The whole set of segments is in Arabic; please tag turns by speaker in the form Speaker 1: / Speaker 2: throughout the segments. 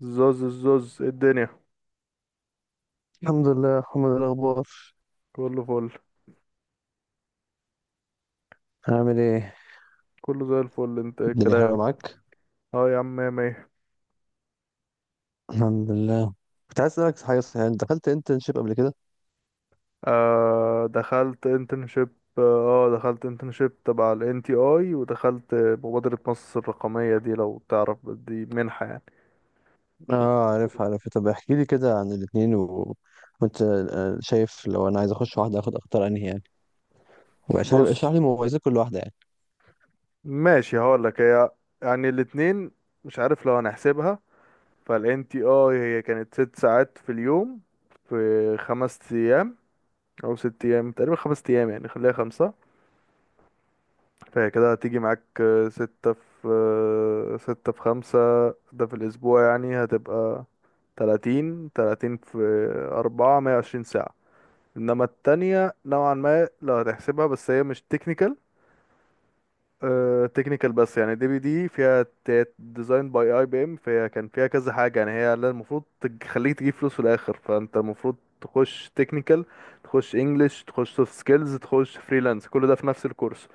Speaker 1: زوز، الزوز، إيه الدنيا؟
Speaker 2: الحمد لله يا محمد، الأخبار
Speaker 1: كله فل.
Speaker 2: عامل إيه؟
Speaker 1: كله زي الفل. انت ايه
Speaker 2: الدنيا حلوة
Speaker 1: الكلام؟
Speaker 2: معاك.
Speaker 1: اه يا عم، مية مية.
Speaker 2: الحمد لله. كنت عايز أسألك، صحيح أنت دخلت انترنشيب قبل كده؟
Speaker 1: آه، دخلت انترنشيب. اه دخلت انترنشيب تبع ال NTI، ودخلت مبادرة مصر الرقمية دي. لو تعرف، دي منحة يعني.
Speaker 2: آه، عارف عارف. طب احكي لي كده عن الاتنين و وأنت شايف لو أنا عايز أخش واحدة آخد أختار أنهي يعني، وعشان اشرح
Speaker 1: بص،
Speaker 2: لي مميزات كل واحدة يعني.
Speaker 1: ماشي، هقولك. هي يعني الاتنين، مش عارف لو هنحسبها. فال NTI هي كانت 6 ساعات في اليوم، في 5 أيام أو 6 أيام، تقريبا 5 أيام، يعني خليها 5. فهي كده هتيجي معاك 6 في 6 في 5. ده في الأسبوع، يعني هتبقى تلاتين في 4، 120 ساعة. إنما التانية نوعا ما لو هتحسبها، بس هي مش تكنيكال. تكنيكال بس، يعني دي بي دي فيها ديزاين باي اي بي ام، فهي كان فيها كذا حاجة، يعني هي اللي المفروض تخليك تجيب فلوس في الآخر. فأنت المفروض تخش تكنيكال، تخش انجلش، تخش سوفت سكيلز، تخش فريلانس، كل ده في نفس الكورس.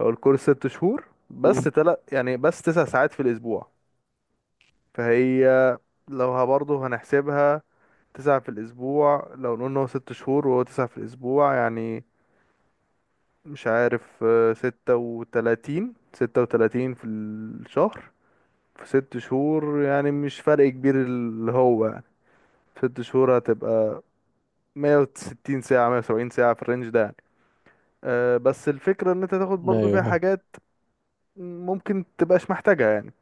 Speaker 1: هو الكورس 6 شهور، بس
Speaker 2: مم.
Speaker 1: 3 يعني بس 9 ساعات في الأسبوع. فهي برضه هنحسبها 9 في الأسبوع، لو نقول إن هو 6 شهور وهو 9 في الأسبوع، يعني مش عارف، 36. 36 في الشهر، في 6 شهور، يعني مش فرق كبير اللي هو، يعني في 6 شهور هتبقى 160 ساعة، 170 ساعة، في الرينج ده يعني. أه، بس الفكرة إن أنت تاخد برضه
Speaker 2: ايوه،
Speaker 1: فيها
Speaker 2: فاهم.
Speaker 1: حاجات ممكن تبقاش محتاجها يعني.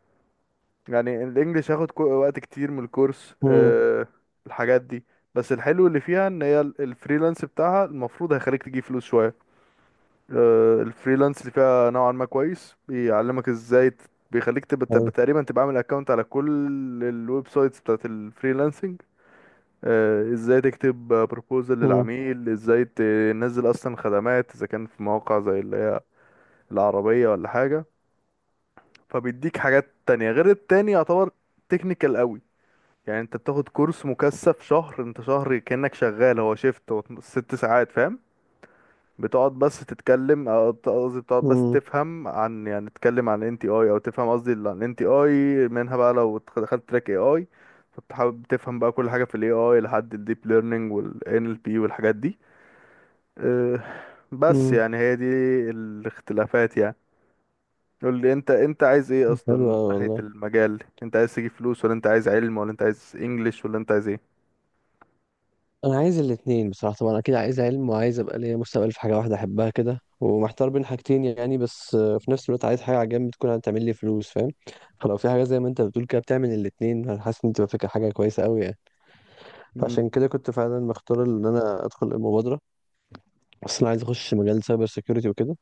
Speaker 1: يعني الانجليش هاخد وقت كتير من الكورس.
Speaker 2: مم.
Speaker 1: أه، الحاجات دي، بس الحلو اللي فيها ان هي الفريلانس بتاعها المفروض هيخليك تجيب فلوس شوية. أه، الفريلانس اللي فيها نوعا ما كويس، بيعلمك ازاي بيخليك تبقى
Speaker 2: حلو.
Speaker 1: تبقى تقريبا تبقى عامل اكونت على كل الويب سايتس بتاعت الفريلانسنج. أه، ازاي تكتب بروبوزل
Speaker 2: مم.
Speaker 1: للعميل، ازاي تنزل اصلا خدمات، اذا كان في مواقع زي اللي هي العربية ولا حاجة. فبيديك حاجات تانية، غير التاني يعتبر تكنيكال قوي. يعني انت بتاخد كورس مكثف شهر، انت شهر كأنك شغال. هو شيفت، هو 6 ساعات، فاهم. بتقعد بس تتكلم او قصدي بتقعد بس
Speaker 2: مم.
Speaker 1: تفهم عن، يعني تتكلم عن انتي اي، او تفهم قصدي عن انتي اي منها بقى. لو دخلت تراك اي اي، فانت حابب تفهم بقى كل حاجة في الاي اي، لحد الديب ليرنينج والان ال بي والحاجات دي. اه، بس
Speaker 2: مم.
Speaker 1: يعني هي دي الاختلافات يعني. قول لي انت، عايز ايه اصلا
Speaker 2: حلو
Speaker 1: من
Speaker 2: أوي
Speaker 1: ناحية
Speaker 2: والله.
Speaker 1: المجال؟ انت عايز تجيب فلوس، ولا انت عايز علم، ولا انت عايز انجليش، ولا انت عايز ايه؟
Speaker 2: انا عايز الاتنين بصراحه، طبعا اكيد عايز علم وعايز ابقى ليا مستقبل في حاجه واحده احبها كده، ومحتار بين حاجتين يعني، بس في نفس الوقت عايز حاجه على جنب تكون هتعمل لي فلوس، فاهم. فلو في حاجه زي ما انت بتقول كده بتعمل الاتنين، انا حاسس ان تبقى فكره، حاجه كويسه قوي يعني. فعشان كده كنت فعلا مختار ان انا ادخل المبادره، بس انا عايز اخش مجال سايبر سيكيورتي وكده.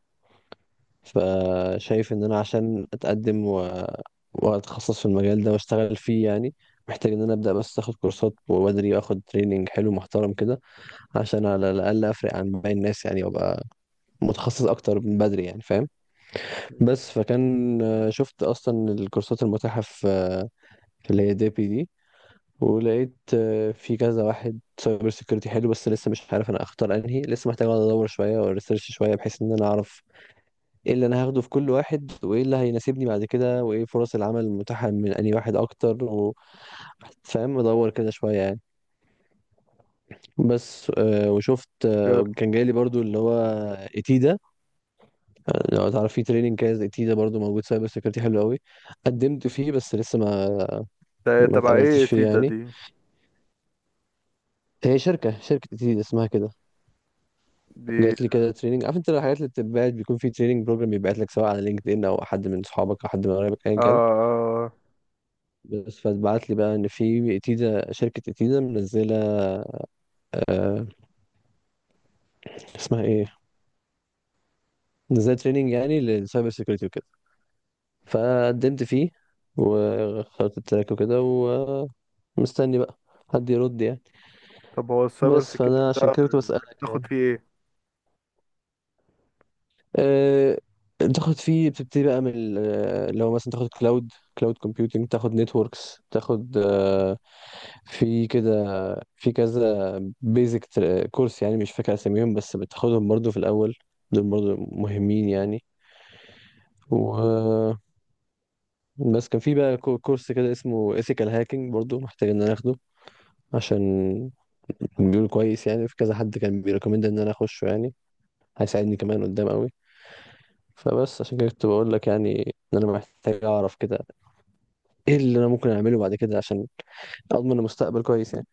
Speaker 2: فشايف ان انا عشان اتقدم و واتخصص في المجال ده واشتغل فيه يعني، محتاج ان انا ابدا، بس اخد كورسات وبدري اخد تريننج حلو محترم كده، عشان على الأقل أفرق عن باقي الناس يعني، وأبقى متخصص أكتر من بدري يعني، فاهم.
Speaker 1: مم.
Speaker 2: بس فكان، شفت أصلا الكورسات المتاحة في اللي هي دي بي دي، ولقيت في كذا واحد سايبر سيكيورتي حلو، بس لسه مش عارف أنا أختار أنهي، لسه محتاج أقعد أدور شوية وريسيرش شوية بحيث إن أنا أعرف إيه اللي أنا هاخده في كل واحد، وإيه اللي هيناسبني بعد كده، وإيه فرص العمل المتاحة من أنهي واحد أكتر و فاهم، أدور كده شوية يعني. بس وشفت
Speaker 1: جامد.
Speaker 2: كان جاي لي برضو اللي هو إيتيدا. لو تعرف، في تريننج كده زي تيدا برضو موجود سايبر سيكيورتي حلو قوي. قدمت فيه، بس لسه ما
Speaker 1: ده
Speaker 2: ما
Speaker 1: تبع ايه
Speaker 2: اتقبلتش فيه
Speaker 1: تيتا
Speaker 2: يعني.
Speaker 1: دي؟
Speaker 2: هي شركة تيدا اسمها كده.
Speaker 1: دي.
Speaker 2: جات لي كده تريننج، عارف انت الحاجات اللي بتتبعت بيكون في تريننج بروجرام بيبعت لك سواء على لينكد ان، او حد من صحابك، او حد من قرايبك، ايا
Speaker 1: اه.
Speaker 2: كان.
Speaker 1: آه. آه.
Speaker 2: بس فاتبعت لي بقى ان في تيدا شركة تيدا منزلة آه، اسمها ايه، منزلة تريننج يعني للسايبر سيكيورتي وكده. فقدمت فيه، وخدت التراك وكده، ومستني بقى حد يرد يعني.
Speaker 1: طب هو السايبر
Speaker 2: بس
Speaker 1: سيكيورتي
Speaker 2: فانا عشان
Speaker 1: ده
Speaker 2: كده كنت بسألك يعني.
Speaker 1: بتاخد فيه ايه؟
Speaker 2: أه. تاخد فيه، بتبتدي بقى من ال- آه، لو مثلا تاخد كلاود كومبيوتنج، تاخد نتوركس، تاخد في كده، في كذا بيزك كورس يعني، مش فاكر اساميهم، بس بتاخدهم برضو في الاول، دول برضو مهمين يعني. و بس كان في بقى كورس كده اسمه ethical hacking برضو محتاج ان انا اخده، عشان بيقول كويس يعني، في كذا حد كان بيريكومند ان انا اخشه يعني، هيساعدني كمان قدام قوي. فبس عشان كده كنت بقول لك يعني ان انا محتاج اعرف كده ايه اللي انا ممكن اعمله بعد كده عشان اضمن مستقبل كويس يعني.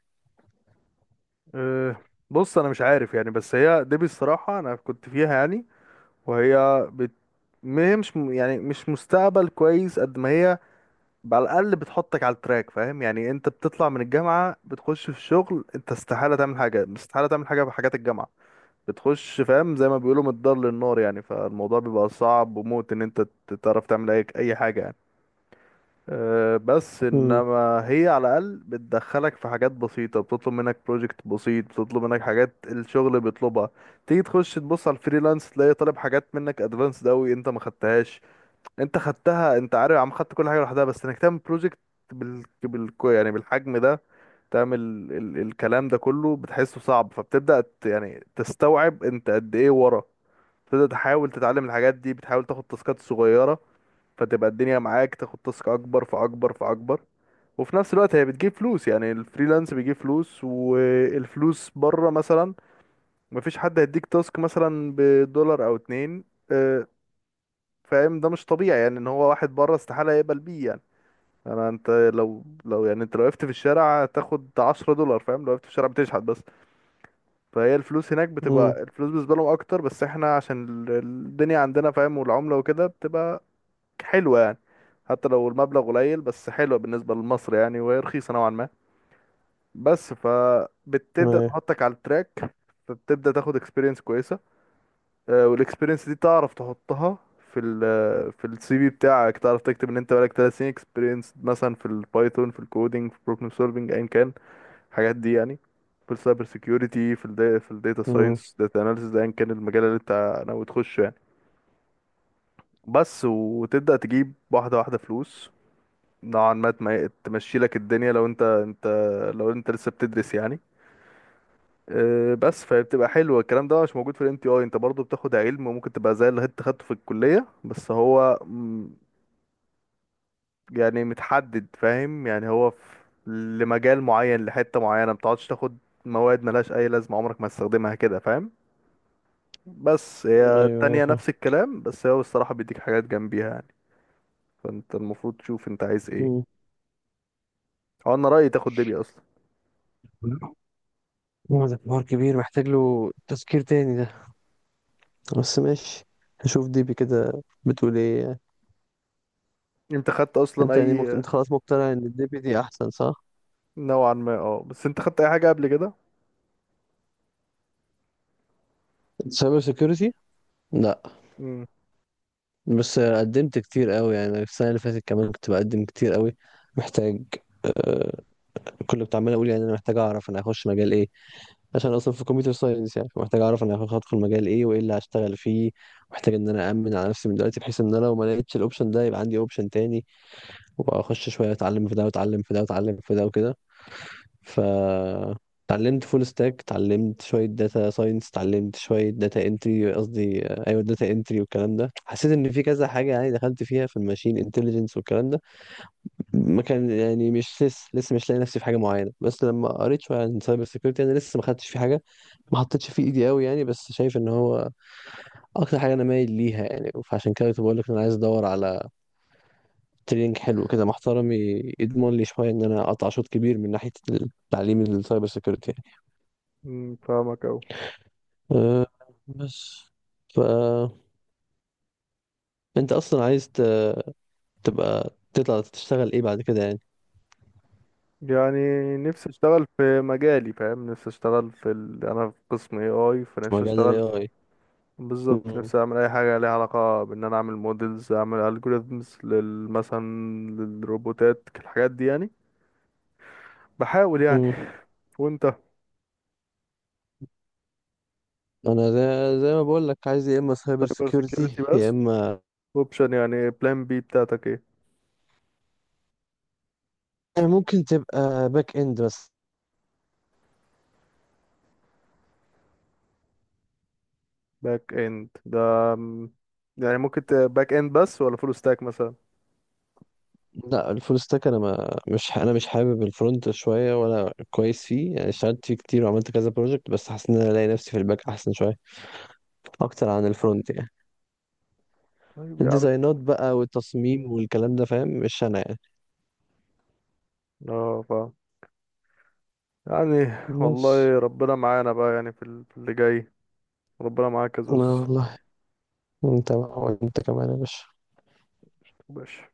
Speaker 1: أه. بص، انا مش عارف يعني، بس هي دي بصراحة انا كنت فيها يعني. وهي بت... ما هي مش يعني مش مستقبل كويس قد ما هي، على الاقل بتحطك على التراك، فاهم. يعني انت بتطلع من الجامعة بتخش في شغل، انت استحالة تعمل حاجة، استحالة تعمل حاجة بحاجات الجامعة. بتخش فاهم زي ما بيقولوا من الدار للنار يعني. فالموضوع بيبقى صعب وموت ان انت تعرف تعمل اي أي حاجة يعني. أه، بس
Speaker 2: امم.
Speaker 1: انما هي على الاقل بتدخلك في حاجات بسيطه، بتطلب منك بروجكت بسيط، بتطلب منك حاجات الشغل بيطلبها. تيجي تخش تبص على الفريلانس، تلاقي طالب حاجات منك ادفانسد قوي انت ما خدتهاش. انت خدتها، انت عارف، عم خدت كل حاجه لوحدها، بس انك تعمل بروجكت بال... بال... يعني بالحجم ده، تعمل ال... الكلام ده كله بتحسه صعب. فبتبدا ت... يعني تستوعب انت قد ايه ورا. تبدا تحاول تتعلم الحاجات دي، بتحاول تاخد تاسكات صغيره، فتبقى الدنيا معاك، تاخد تاسك اكبر فاكبر فاكبر. وفي نفس الوقت هي بتجيب فلوس، يعني الفريلانس بيجيب فلوس. والفلوس بره مثلا مفيش حد هيديك تاسك مثلا بدولار او 2، آه، فاهم. ده مش طبيعي يعني ان هو واحد بره استحالة يقبل بيه يعني. انا، انت لو يعني انت لو وقفت في الشارع تاخد 10 دولار، فاهم، لو وقفت في الشارع بتشحت بس. فهي الفلوس هناك
Speaker 2: امم.
Speaker 1: بتبقى، الفلوس بالنسبة لهم اكتر، بس احنا عشان الدنيا عندنا فاهم، والعملة وكده بتبقى حلوة يعني. حتى لو المبلغ قليل، بس حلوة بالنسبة لمصر يعني، وهي رخيصة نوعا ما بس. فبتبدأ
Speaker 2: ايوه.
Speaker 1: تحطك على التراك، فبتبدأ تاخد اكسبيرينس كويسة. والاكسبيرينس دي تعرف تحطها في ال في السي في بتاعك، تعرف تكتب ان انت بقالك 3 سنين اكسبيرينس مثلا في البايثون، في الكودينج، في البروبلم سولفينج، ايا كان الحاجات دي يعني. في السايبر سيكيورتي، في الداتا
Speaker 2: امم.
Speaker 1: ساينس، داتا اناليسيز، ايا كان المجال اللي انت ناوي تخشه يعني. بس وتبدأ تجيب واحدة واحدة فلوس، نوعا ما تمشي لك الدنيا لو انت لو انت لسه بتدرس يعني. آه، بس فبتبقى حلوة. الكلام ده مش موجود في الام تي اي. انت برضو بتاخد علم، وممكن تبقى زي اللي انت خدته في الكلية، بس هو م، يعني متحدد فاهم. يعني هو في لمجال معين، لحتة معينة، ما بتقعدش تاخد مواد ملهاش اي لازمة عمرك ما هتستخدمها، كده فاهم. بس هي
Speaker 2: ايوه، ايوه،
Speaker 1: التانية
Speaker 2: فاهم.
Speaker 1: نفس الكلام، بس هو الصراحة بيديك حاجات جنبيها يعني. فانت المفروض تشوف انت عايز ايه.
Speaker 2: مم.
Speaker 1: هو انا رأيي تاخد دبي اصلا.
Speaker 2: هو ده حوار كبير محتاج له تذكير تاني ده، بس ماشي، هشوف ديبي كده بتقول ايه يعني.
Speaker 1: انت خدت اصلا
Speaker 2: انت يعني
Speaker 1: اي؟
Speaker 2: انت خلاص مقتنع ان الديبي دي احسن، صح؟
Speaker 1: نوعا ما اه، بس انت خدت اي حاجة قبل كده؟
Speaker 2: سايبر سيكيورتي؟ لا. بس قدمت كتير قوي يعني، السنة اللي فاتت كمان كنت بقدم كتير قوي. محتاج آه، كل كنت عمال اقول يعني انا محتاج اعرف انا هخش مجال ايه، عشان اصلا في كمبيوتر ساينس يعني، محتاج اعرف انا هدخل مجال ايه وايه اللي هشتغل فيه. محتاج ان انا امن على نفسي من دلوقتي بحيث ان انا لو ما لقيتش الاوبشن ده يبقى عندي اوبشن تاني، وابقى اخش شويه اتعلم في ده واتعلم في ده واتعلم في ده وكده. ف اتعلمت فول ستاك، اتعلمت شويه داتا ساينس، اتعلمت شويه داتا انتري، قصدي ايوه داتا انتري والكلام ده، حسيت ان في كذا حاجه يعني، دخلت فيها في الماشين انتليجنس والكلام ده. ما كان يعني، مش لسه مش لاقي نفسي في حاجه معينه، بس لما قريت شويه عن سايبر سيكيورتي، انا لسه ما خدتش في حاجه، ما حطيتش فيه ايدي قوي يعني، بس شايف ان هو اكتر حاجه انا مايل ليها يعني، فعشان كده كنت بقول لك ان انا عايز ادور على تريننج حلو كده محترم يضمن لي شويه ان انا اقطع شوط كبير من ناحيه التعليم السايبر سيكيورتي يعني.
Speaker 1: امم، فاهمك.
Speaker 2: أه. بس. ف انت اصلا عايز تبقى تطلع تشتغل ايه بعد كده يعني؟
Speaker 1: يعني نفسي اشتغل في مجالي، فاهم. نفسي اشتغل في ال... انا في قسم اي اي،
Speaker 2: في
Speaker 1: فنفسي
Speaker 2: مجال
Speaker 1: اشتغل
Speaker 2: الاي
Speaker 1: في...
Speaker 2: اي.
Speaker 1: بالظبط،
Speaker 2: مم.
Speaker 1: نفسي اعمل اي حاجه ليها علاقه بان انا اعمل مودلز، اعمل الجوريزمز لل مثلا للروبوتات، الحاجات دي يعني. بحاول يعني.
Speaker 2: مم.
Speaker 1: وانت؟
Speaker 2: انا زي ما بقول لك عايز يا اما سايبر
Speaker 1: سايبر
Speaker 2: سيكيورتي
Speaker 1: سيكيورتي
Speaker 2: يا
Speaker 1: بس
Speaker 2: اما
Speaker 1: اوبشن، يعني بلان بي بتاعتك ايه؟
Speaker 2: ممكن تبقى باك اند بس.
Speaker 1: باك اند ده م- يعني ممكن باك اند بس، ولا فول ستاك مثلا؟
Speaker 2: لا، الفول ستاك انا مش حابب الفرونت شويه، ولا كويس فيه يعني، اشتغلت فيه كتير وعملت كذا بروجكت، بس حاسس ان انا الاقي نفسي في الباك احسن شويه، اكتر عن الفرونت يعني.
Speaker 1: طيب يا عم.
Speaker 2: الديزاينات بقى والتصميم والكلام ده، فاهم، مش انا يعني.
Speaker 1: اه فاهم. يعني
Speaker 2: بس.
Speaker 1: والله ربنا معانا بقى يعني، في في اللي جاي. ربنا معاك يا
Speaker 2: لا
Speaker 1: زوز.
Speaker 2: والله. انت بقى وانت كمان يا باشا.
Speaker 1: مبقاش